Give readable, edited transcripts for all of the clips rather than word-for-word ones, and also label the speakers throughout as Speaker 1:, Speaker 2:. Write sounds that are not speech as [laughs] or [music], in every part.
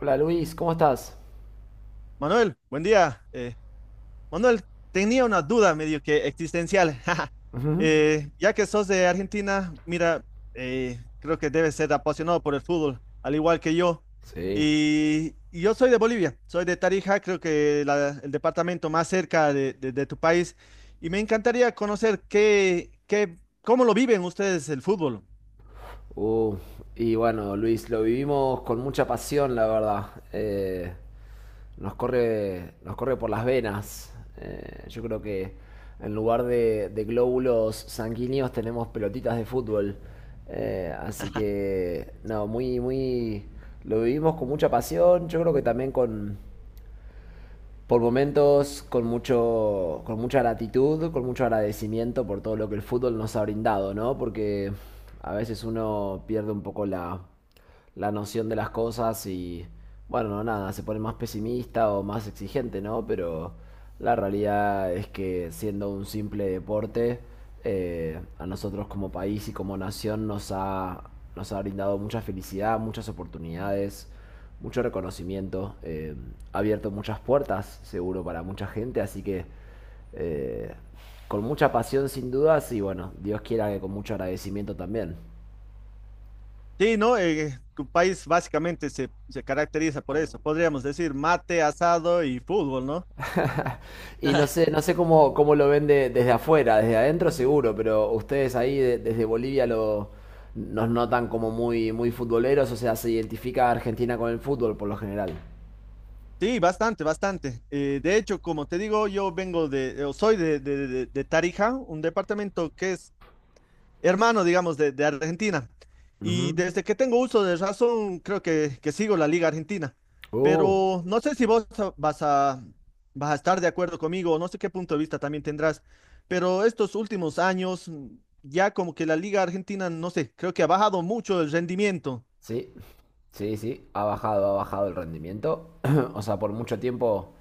Speaker 1: Hola Luis, ¿cómo estás?
Speaker 2: Manuel, buen día. Manuel, tenía una duda medio que existencial. [laughs]
Speaker 1: Ujú.
Speaker 2: Ya que sos de Argentina, mira, creo que debes ser apasionado por el fútbol, al igual que yo.
Speaker 1: Sí.
Speaker 2: Y yo soy de Bolivia, soy de Tarija, creo que el departamento más cerca de tu país. Y me encantaría conocer cómo lo viven ustedes el fútbol.
Speaker 1: Uh, y bueno, Luis, lo vivimos con mucha pasión, la verdad. Eh, nos corre por las venas. Yo creo que en lugar de glóbulos sanguíneos tenemos pelotitas de fútbol. Así que, no, lo vivimos con mucha pasión. Yo creo que también con, por momentos con, mucho, con mucha gratitud, con mucho agradecimiento por todo lo que el fútbol nos ha brindado, ¿no? Porque a veces uno pierde un poco la noción de las cosas y, bueno, nada, se pone más pesimista o más exigente, ¿no? Pero la realidad es que siendo un simple deporte, a nosotros como país y como nos ha brindado mucha felicidad, muchas oportunidades, mucho reconocimiento, ha abierto muchas puertas, seguro, para mucha gente, así que eh, con mucha pasión sin dudas y bueno, Dios quiera que con mucho agradecimiento también.
Speaker 2: Sí, ¿no? Tu país básicamente se caracteriza por eso. Podríamos decir mate, asado y fútbol, ¿no?
Speaker 1: Y no sé, no sé cómo, cómo lo ven desde afuera, desde adentro seguro, pero ustedes ahí desde Bolivia nos notan como muy futboleros, o sea, se identifica a Argentina con el fútbol por lo general.
Speaker 2: Sí, bastante, bastante. De hecho, como te digo, yo vengo de, o soy de Tarija, un departamento que es hermano, digamos, de Argentina. Y
Speaker 1: Ujú.
Speaker 2: desde que tengo uso de razón, creo que sigo la Liga Argentina.
Speaker 1: Uh,
Speaker 2: Pero no sé si vos vas a, vas a estar de acuerdo conmigo, o no sé qué punto de vista también tendrás, pero estos últimos años, ya como que la Liga Argentina, no sé, creo que ha bajado mucho el rendimiento.
Speaker 1: sí, sí, sí, ha bajado el rendimiento. [clears throat] O sea, por mucho tiempo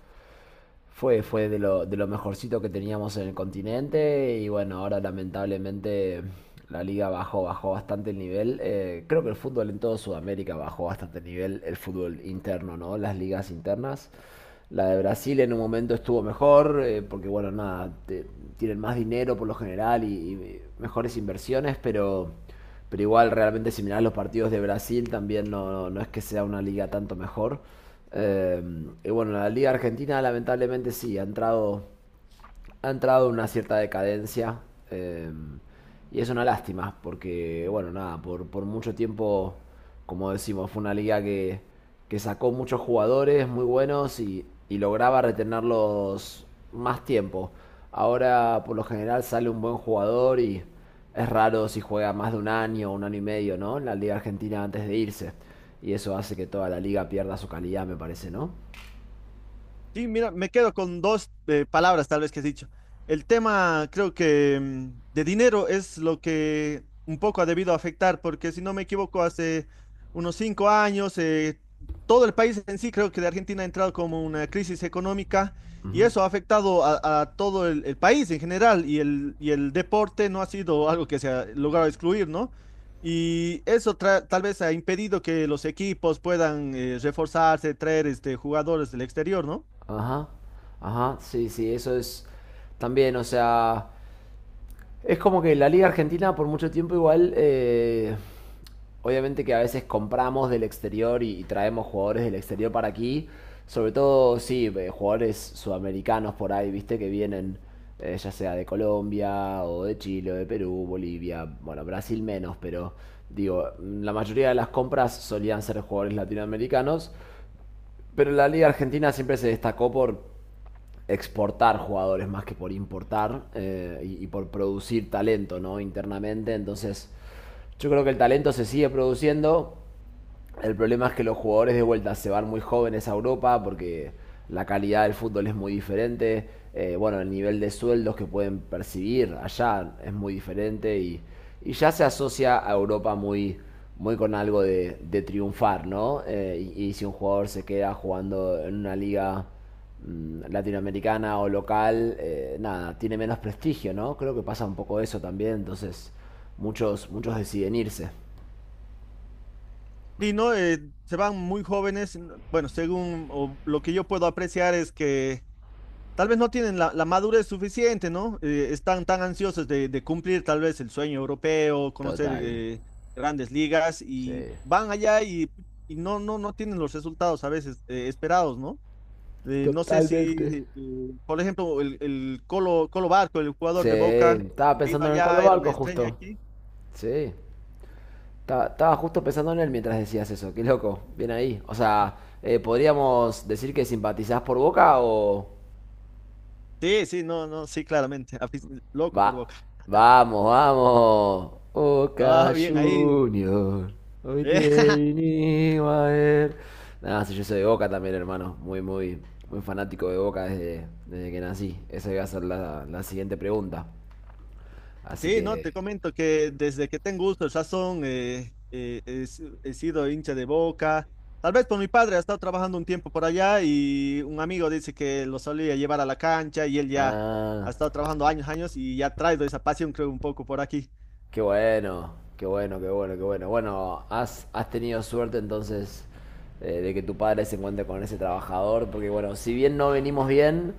Speaker 1: fue de lo mejorcito que teníamos en el continente y bueno, ahora lamentablemente la liga bajó, bajó bastante el nivel. Creo que el fútbol en toda Sudamérica bajó bastante el nivel, el fútbol interno, ¿no? Las ligas internas. La de Brasil en un momento estuvo mejor, porque bueno, nada, tienen más dinero por lo general y mejores inversiones, pero igual realmente si mirás los partidos de Brasil también no, no, no es que sea una liga tanto mejor. Eh, y bueno, la Liga Argentina lamentablemente sí, ha entrado en una cierta decadencia. eh, y es una lástima, porque, bueno, nada, por mucho tiempo, como decimos, fue una liga que sacó muchos jugadores muy buenos y lograba retenerlos más tiempo. Ahora, por lo general, sale un buen jugador y es raro si juega más de un año o un año y medio, ¿no? En la Liga Argentina antes de irse. Y eso hace que toda la liga pierda su calidad, me parece, ¿no?
Speaker 2: Sí, mira, me quedo con dos palabras tal vez que has dicho. El tema, creo que de dinero es lo que un poco ha debido afectar, porque si no me equivoco, hace unos cinco años, todo el país en sí, creo que de Argentina ha entrado como una crisis económica y
Speaker 1: Ujú.
Speaker 2: eso ha afectado a todo el país en general y el deporte no ha sido algo que se ha logrado excluir, ¿no? Y eso tal vez ha impedido que los equipos puedan reforzarse, traer este, jugadores del exterior, ¿no?
Speaker 1: Ajá, ajá, sí, sí, eso es también, o sea, es como que la Liga Argentina por mucho tiempo igual, obviamente que a veces compramos del exterior y traemos jugadores del exterior para aquí, sobre todo, sí, jugadores sudamericanos por ahí, viste, que vienen ya sea de Colombia o de Chile o de Perú, Bolivia, bueno, Brasil menos, pero digo, la mayoría de las compras solían ser jugadores latinoamericanos, pero la Liga Argentina siempre se destacó por exportar jugadores más que por importar y por producir talento, ¿no? Internamente, entonces yo creo que el talento se sigue produciendo, el problema es que los jugadores de vuelta se van muy jóvenes a Europa porque la calidad del fútbol es muy diferente. Bueno, el nivel de sueldos que pueden percibir allá es muy diferente y ya se asocia a Europa muy con algo de triunfar, ¿no? Y si un jugador se queda jugando en una liga latinoamericana o local, nada, tiene menos prestigio, ¿no? Creo que pasa un poco eso también, entonces muchos deciden irse.
Speaker 2: Sí, ¿no? Se van muy jóvenes. Bueno, según o lo que yo puedo apreciar es que tal vez no tienen la madurez suficiente, ¿no? Están tan ansiosos de cumplir tal vez el sueño europeo, conocer
Speaker 1: Total,
Speaker 2: grandes ligas y
Speaker 1: sí.
Speaker 2: van allá y, no tienen los resultados a veces esperados, ¿no? No sé
Speaker 1: Totalmente.
Speaker 2: si, por ejemplo, el Colo, Colo Barco, el
Speaker 1: Sí,
Speaker 2: jugador de Boca,
Speaker 1: estaba
Speaker 2: ha ido
Speaker 1: pensando en el Colo
Speaker 2: allá, era una
Speaker 1: Barco
Speaker 2: estrella
Speaker 1: justo.
Speaker 2: aquí.
Speaker 1: Sí, estaba justo pensando en él mientras decías eso. Qué loco, bien ahí. O sea, podríamos decir que simpatizás por Boca o...
Speaker 2: Sí, sí, no, no, sí, claramente. [laughs] Loco por
Speaker 1: Va,
Speaker 2: Boca.
Speaker 1: vamos, vamos.
Speaker 2: Ah,
Speaker 1: Boca
Speaker 2: bien, ahí.
Speaker 1: Junior. Hoy
Speaker 2: Eh,
Speaker 1: te
Speaker 2: [laughs]
Speaker 1: vinimos a ver. Nada, sí, yo soy de Boca también, hermano. Muy fanático de Boca desde que nací. Esa iba a ser la siguiente pregunta. Así
Speaker 2: sí, no, te
Speaker 1: que...
Speaker 2: comento que desde que tengo uso de razón he, si- he sido hincha de Boca. Tal vez por mi padre, ha estado trabajando un tiempo por allá y un amigo dice que lo solía llevar a la cancha y él ya ha
Speaker 1: Ah...
Speaker 2: estado trabajando años, años y ya ha traído esa pasión, creo, un poco por aquí.
Speaker 1: Qué bueno, qué bueno, qué bueno, qué bueno. Bueno, has tenido suerte entonces de que tu padre se encuentre con ese trabajador, porque bueno, si bien no venimos bien,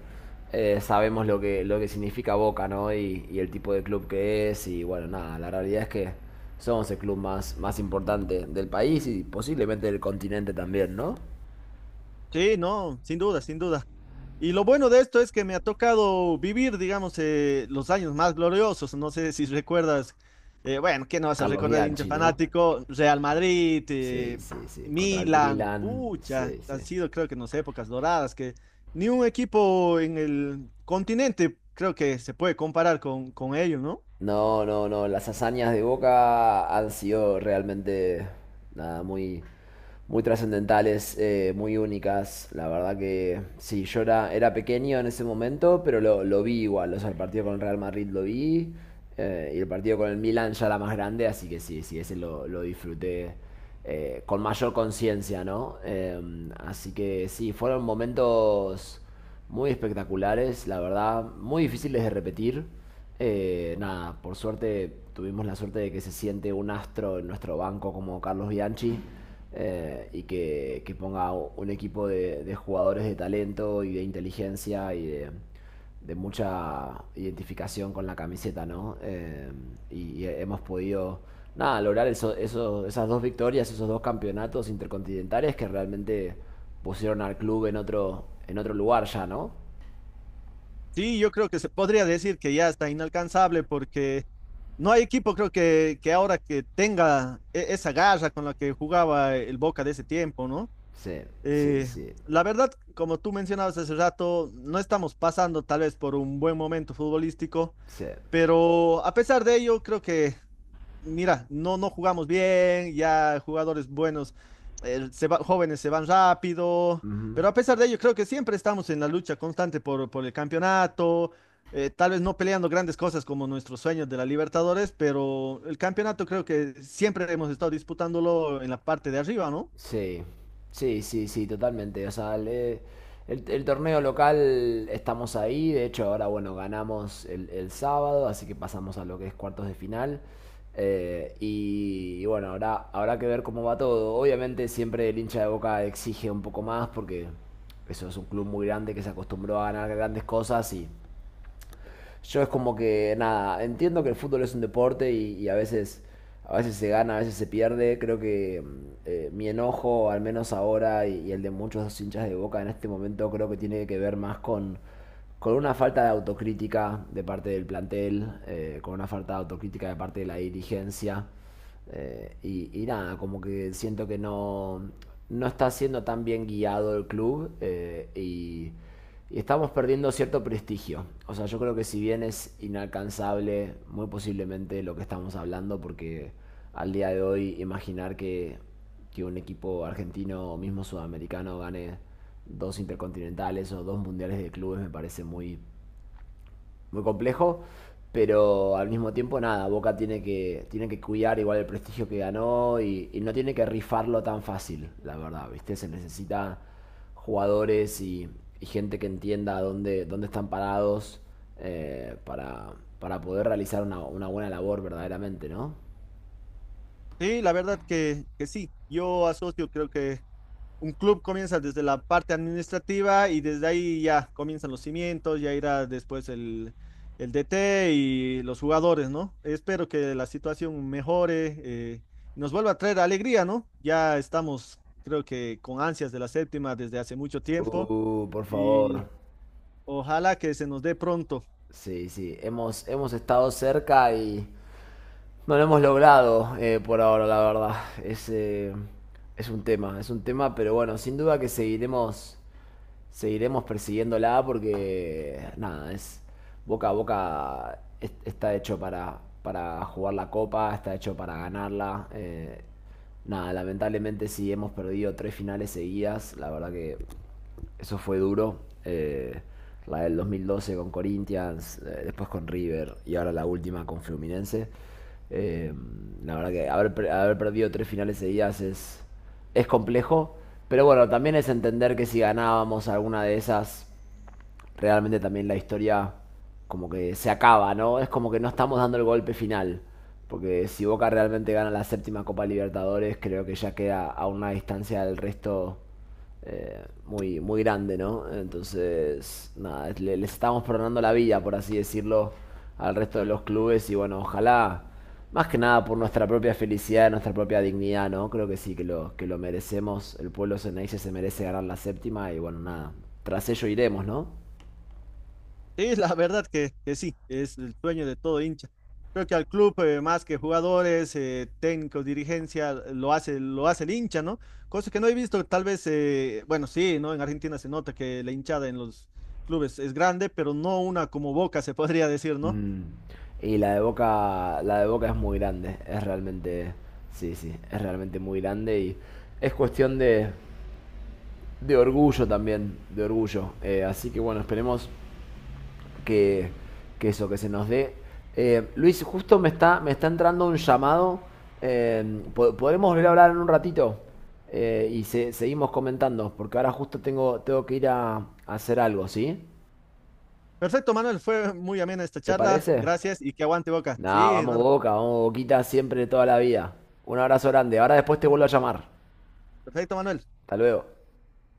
Speaker 1: sabemos lo lo que significa Boca, ¿no? Y el tipo de club que es, y bueno, nada, la realidad es que somos el club más importante del país y posiblemente del continente también, ¿no?
Speaker 2: Sí, no, sin duda, sin duda. Y lo bueno de esto es que me ha tocado vivir, digamos, los años más gloriosos. No sé si recuerdas, bueno, ¿qué no vas a
Speaker 1: Carlos
Speaker 2: recordar, hincha
Speaker 1: Bianchi, ¿no?
Speaker 2: fanático? Real Madrid,
Speaker 1: Sí, sí, sí. Contra el
Speaker 2: Milan,
Speaker 1: Milan,
Speaker 2: pucha,
Speaker 1: sí, sí.
Speaker 2: han sido creo que no sé, épocas doradas, que ni un equipo en el continente creo que se puede comparar con ellos, ¿no?
Speaker 1: No, no, no. Las hazañas de Boca han sido realmente nada, muy trascendentales, muy únicas. La verdad que sí, era pequeño en ese momento, pero lo vi igual. O sea, el partido con el Real Madrid lo vi y el partido con el Milan ya era más grande, así que sí, sí, ese lo disfruté con mayor conciencia, ¿no? Así que sí, fueron momentos muy espectaculares, la verdad, muy difíciles de repetir. Nada, por suerte tuvimos la suerte de que se siente un astro en nuestro banco como Carlos Bianchi y que ponga un equipo de jugadores de talento y de inteligencia de mucha identificación con la camiseta, ¿no? Y hemos podido, nada, lograr eso, esas dos victorias, esos dos campeonatos intercontinentales que realmente pusieron al club en otro lugar ya, ¿no?
Speaker 2: Sí, yo creo que se podría decir que ya está inalcanzable porque no hay equipo creo que ahora que tenga esa garra con la que jugaba el Boca de ese tiempo, ¿no?
Speaker 1: Sí, sí,
Speaker 2: Eh,
Speaker 1: sí,
Speaker 2: la verdad, como tú mencionabas hace rato, no estamos pasando tal vez por un buen momento futbolístico,
Speaker 1: sí.
Speaker 2: pero a pesar de ello, creo que, mira, no jugamos bien, ya jugadores buenos, jóvenes se van rápido,
Speaker 1: Ujú.
Speaker 2: pero a pesar de ello, creo que siempre estamos en la lucha constante por el campeonato, tal vez no peleando grandes cosas como nuestros sueños de la Libertadores, pero el campeonato creo que siempre hemos estado disputándolo en la parte de arriba, ¿no?
Speaker 1: Sí, sí, sí, sí, totalmente. O sea, el torneo local estamos ahí. De hecho, ahora, bueno, ganamos el sábado, así que pasamos a lo que es cuartos de final. Y bueno, ahora habrá que ver cómo va todo. Obviamente, siempre el hincha de Boca exige un poco más porque eso es un club muy grande que se acostumbró a ganar grandes cosas y yo es como que, nada, entiendo que el fútbol es un deporte y a veces... A veces se gana, a veces se pierde. Creo que mi enojo, al menos ahora, y el de muchos hinchas de Boca en este momento, creo que tiene que ver más con una falta de autocrítica de parte del plantel, con una falta de autocrítica de parte de la dirigencia. Y nada, como que siento que no, no está siendo tan bien guiado el club y estamos perdiendo cierto prestigio. O sea, yo creo que si bien es inalcanzable, muy posiblemente lo que estamos hablando, porque al día de hoy imaginar que un equipo argentino o mismo sudamericano gane dos intercontinentales o dos mundiales de clubes me parece muy muy complejo. Pero al mismo tiempo, nada, Boca tiene tiene que cuidar igual el prestigio que ganó y no tiene que rifarlo tan fácil, la verdad, ¿viste? Se necesita jugadores y gente que entienda dónde están parados eh, para, para poder realizar una buena labor verdaderamente, ¿no?
Speaker 2: Sí, la verdad que sí. Yo asocio, creo que un club comienza desde la parte administrativa y desde ahí ya comienzan los cimientos, ya irá después el DT y los jugadores, ¿no? Espero que la situación mejore, nos vuelva a traer alegría, ¿no? Ya estamos, creo que con ansias de la séptima desde hace mucho tiempo
Speaker 1: Por
Speaker 2: y
Speaker 1: favor.
Speaker 2: ojalá que se nos dé pronto.
Speaker 1: Sí, sí. Hemos, hemos estado cerca y, no lo hemos logrado por ahora, la verdad. Es, eh, es un tema, es un tema, pero bueno, sin duda que seguiremos seguiremos persiguiéndola porque, nada, es boca a boca está hecho para jugar la copa, está hecho para ganarla. Nada, lamentablemente sí hemos perdido tres finales seguidas, la verdad que eso fue duro. La del 2012 con Corinthians, después con River y ahora la última con Fluminense. Eh, la verdad que haber perdido tres finales seguidas es complejo. Pero bueno, también es entender que si ganábamos alguna de esas, realmente también la historia como que se acaba, ¿no? Es como que no estamos dando el golpe final. Porque si Boca realmente gana la séptima Copa Libertadores, creo que ya queda a una distancia del resto muy grande, ¿no? Entonces, nada, les estamos perdonando la vida, por así decirlo, al resto de los clubes. Y bueno, ojalá, más que nada por nuestra propia felicidad, nuestra propia dignidad, ¿no? Creo que sí, que lo merecemos. El pueblo ceneice se merece ganar la séptima y bueno, nada, tras ello iremos, ¿no?
Speaker 2: Sí, la verdad que sí, es el sueño de todo hincha. Creo que al club, más que jugadores, técnicos, dirigencia, lo hace el hincha, ¿no? Cosa que no he visto, tal vez, bueno, sí, ¿no? En Argentina se nota que la hinchada en los clubes es grande, pero no una como Boca, se podría decir, ¿no?
Speaker 1: Mm, y la de Boca es muy grande, es realmente, sí, sí, es realmente muy grande y es cuestión de orgullo también, de orgullo. Así que bueno, esperemos que, que eso, que se nos dé. Luis, justo me está entrando un llamado. ¿Podremos volver a hablar en un ratito? Seguimos comentando, porque ahora justo tengo, tengo que ir a hacer algo, ¿sí?
Speaker 2: Perfecto, Manuel, fue muy amena esta
Speaker 1: ¿Te
Speaker 2: charla,
Speaker 1: parece?
Speaker 2: gracias y que aguante Boca.
Speaker 1: Nah,
Speaker 2: Sí,
Speaker 1: vamos
Speaker 2: hermano.
Speaker 1: Boca, vamos Boquita siempre toda la vida. Un abrazo grande. Ahora después te vuelvo a llamar.
Speaker 2: Perfecto, Manuel.
Speaker 1: Hasta luego.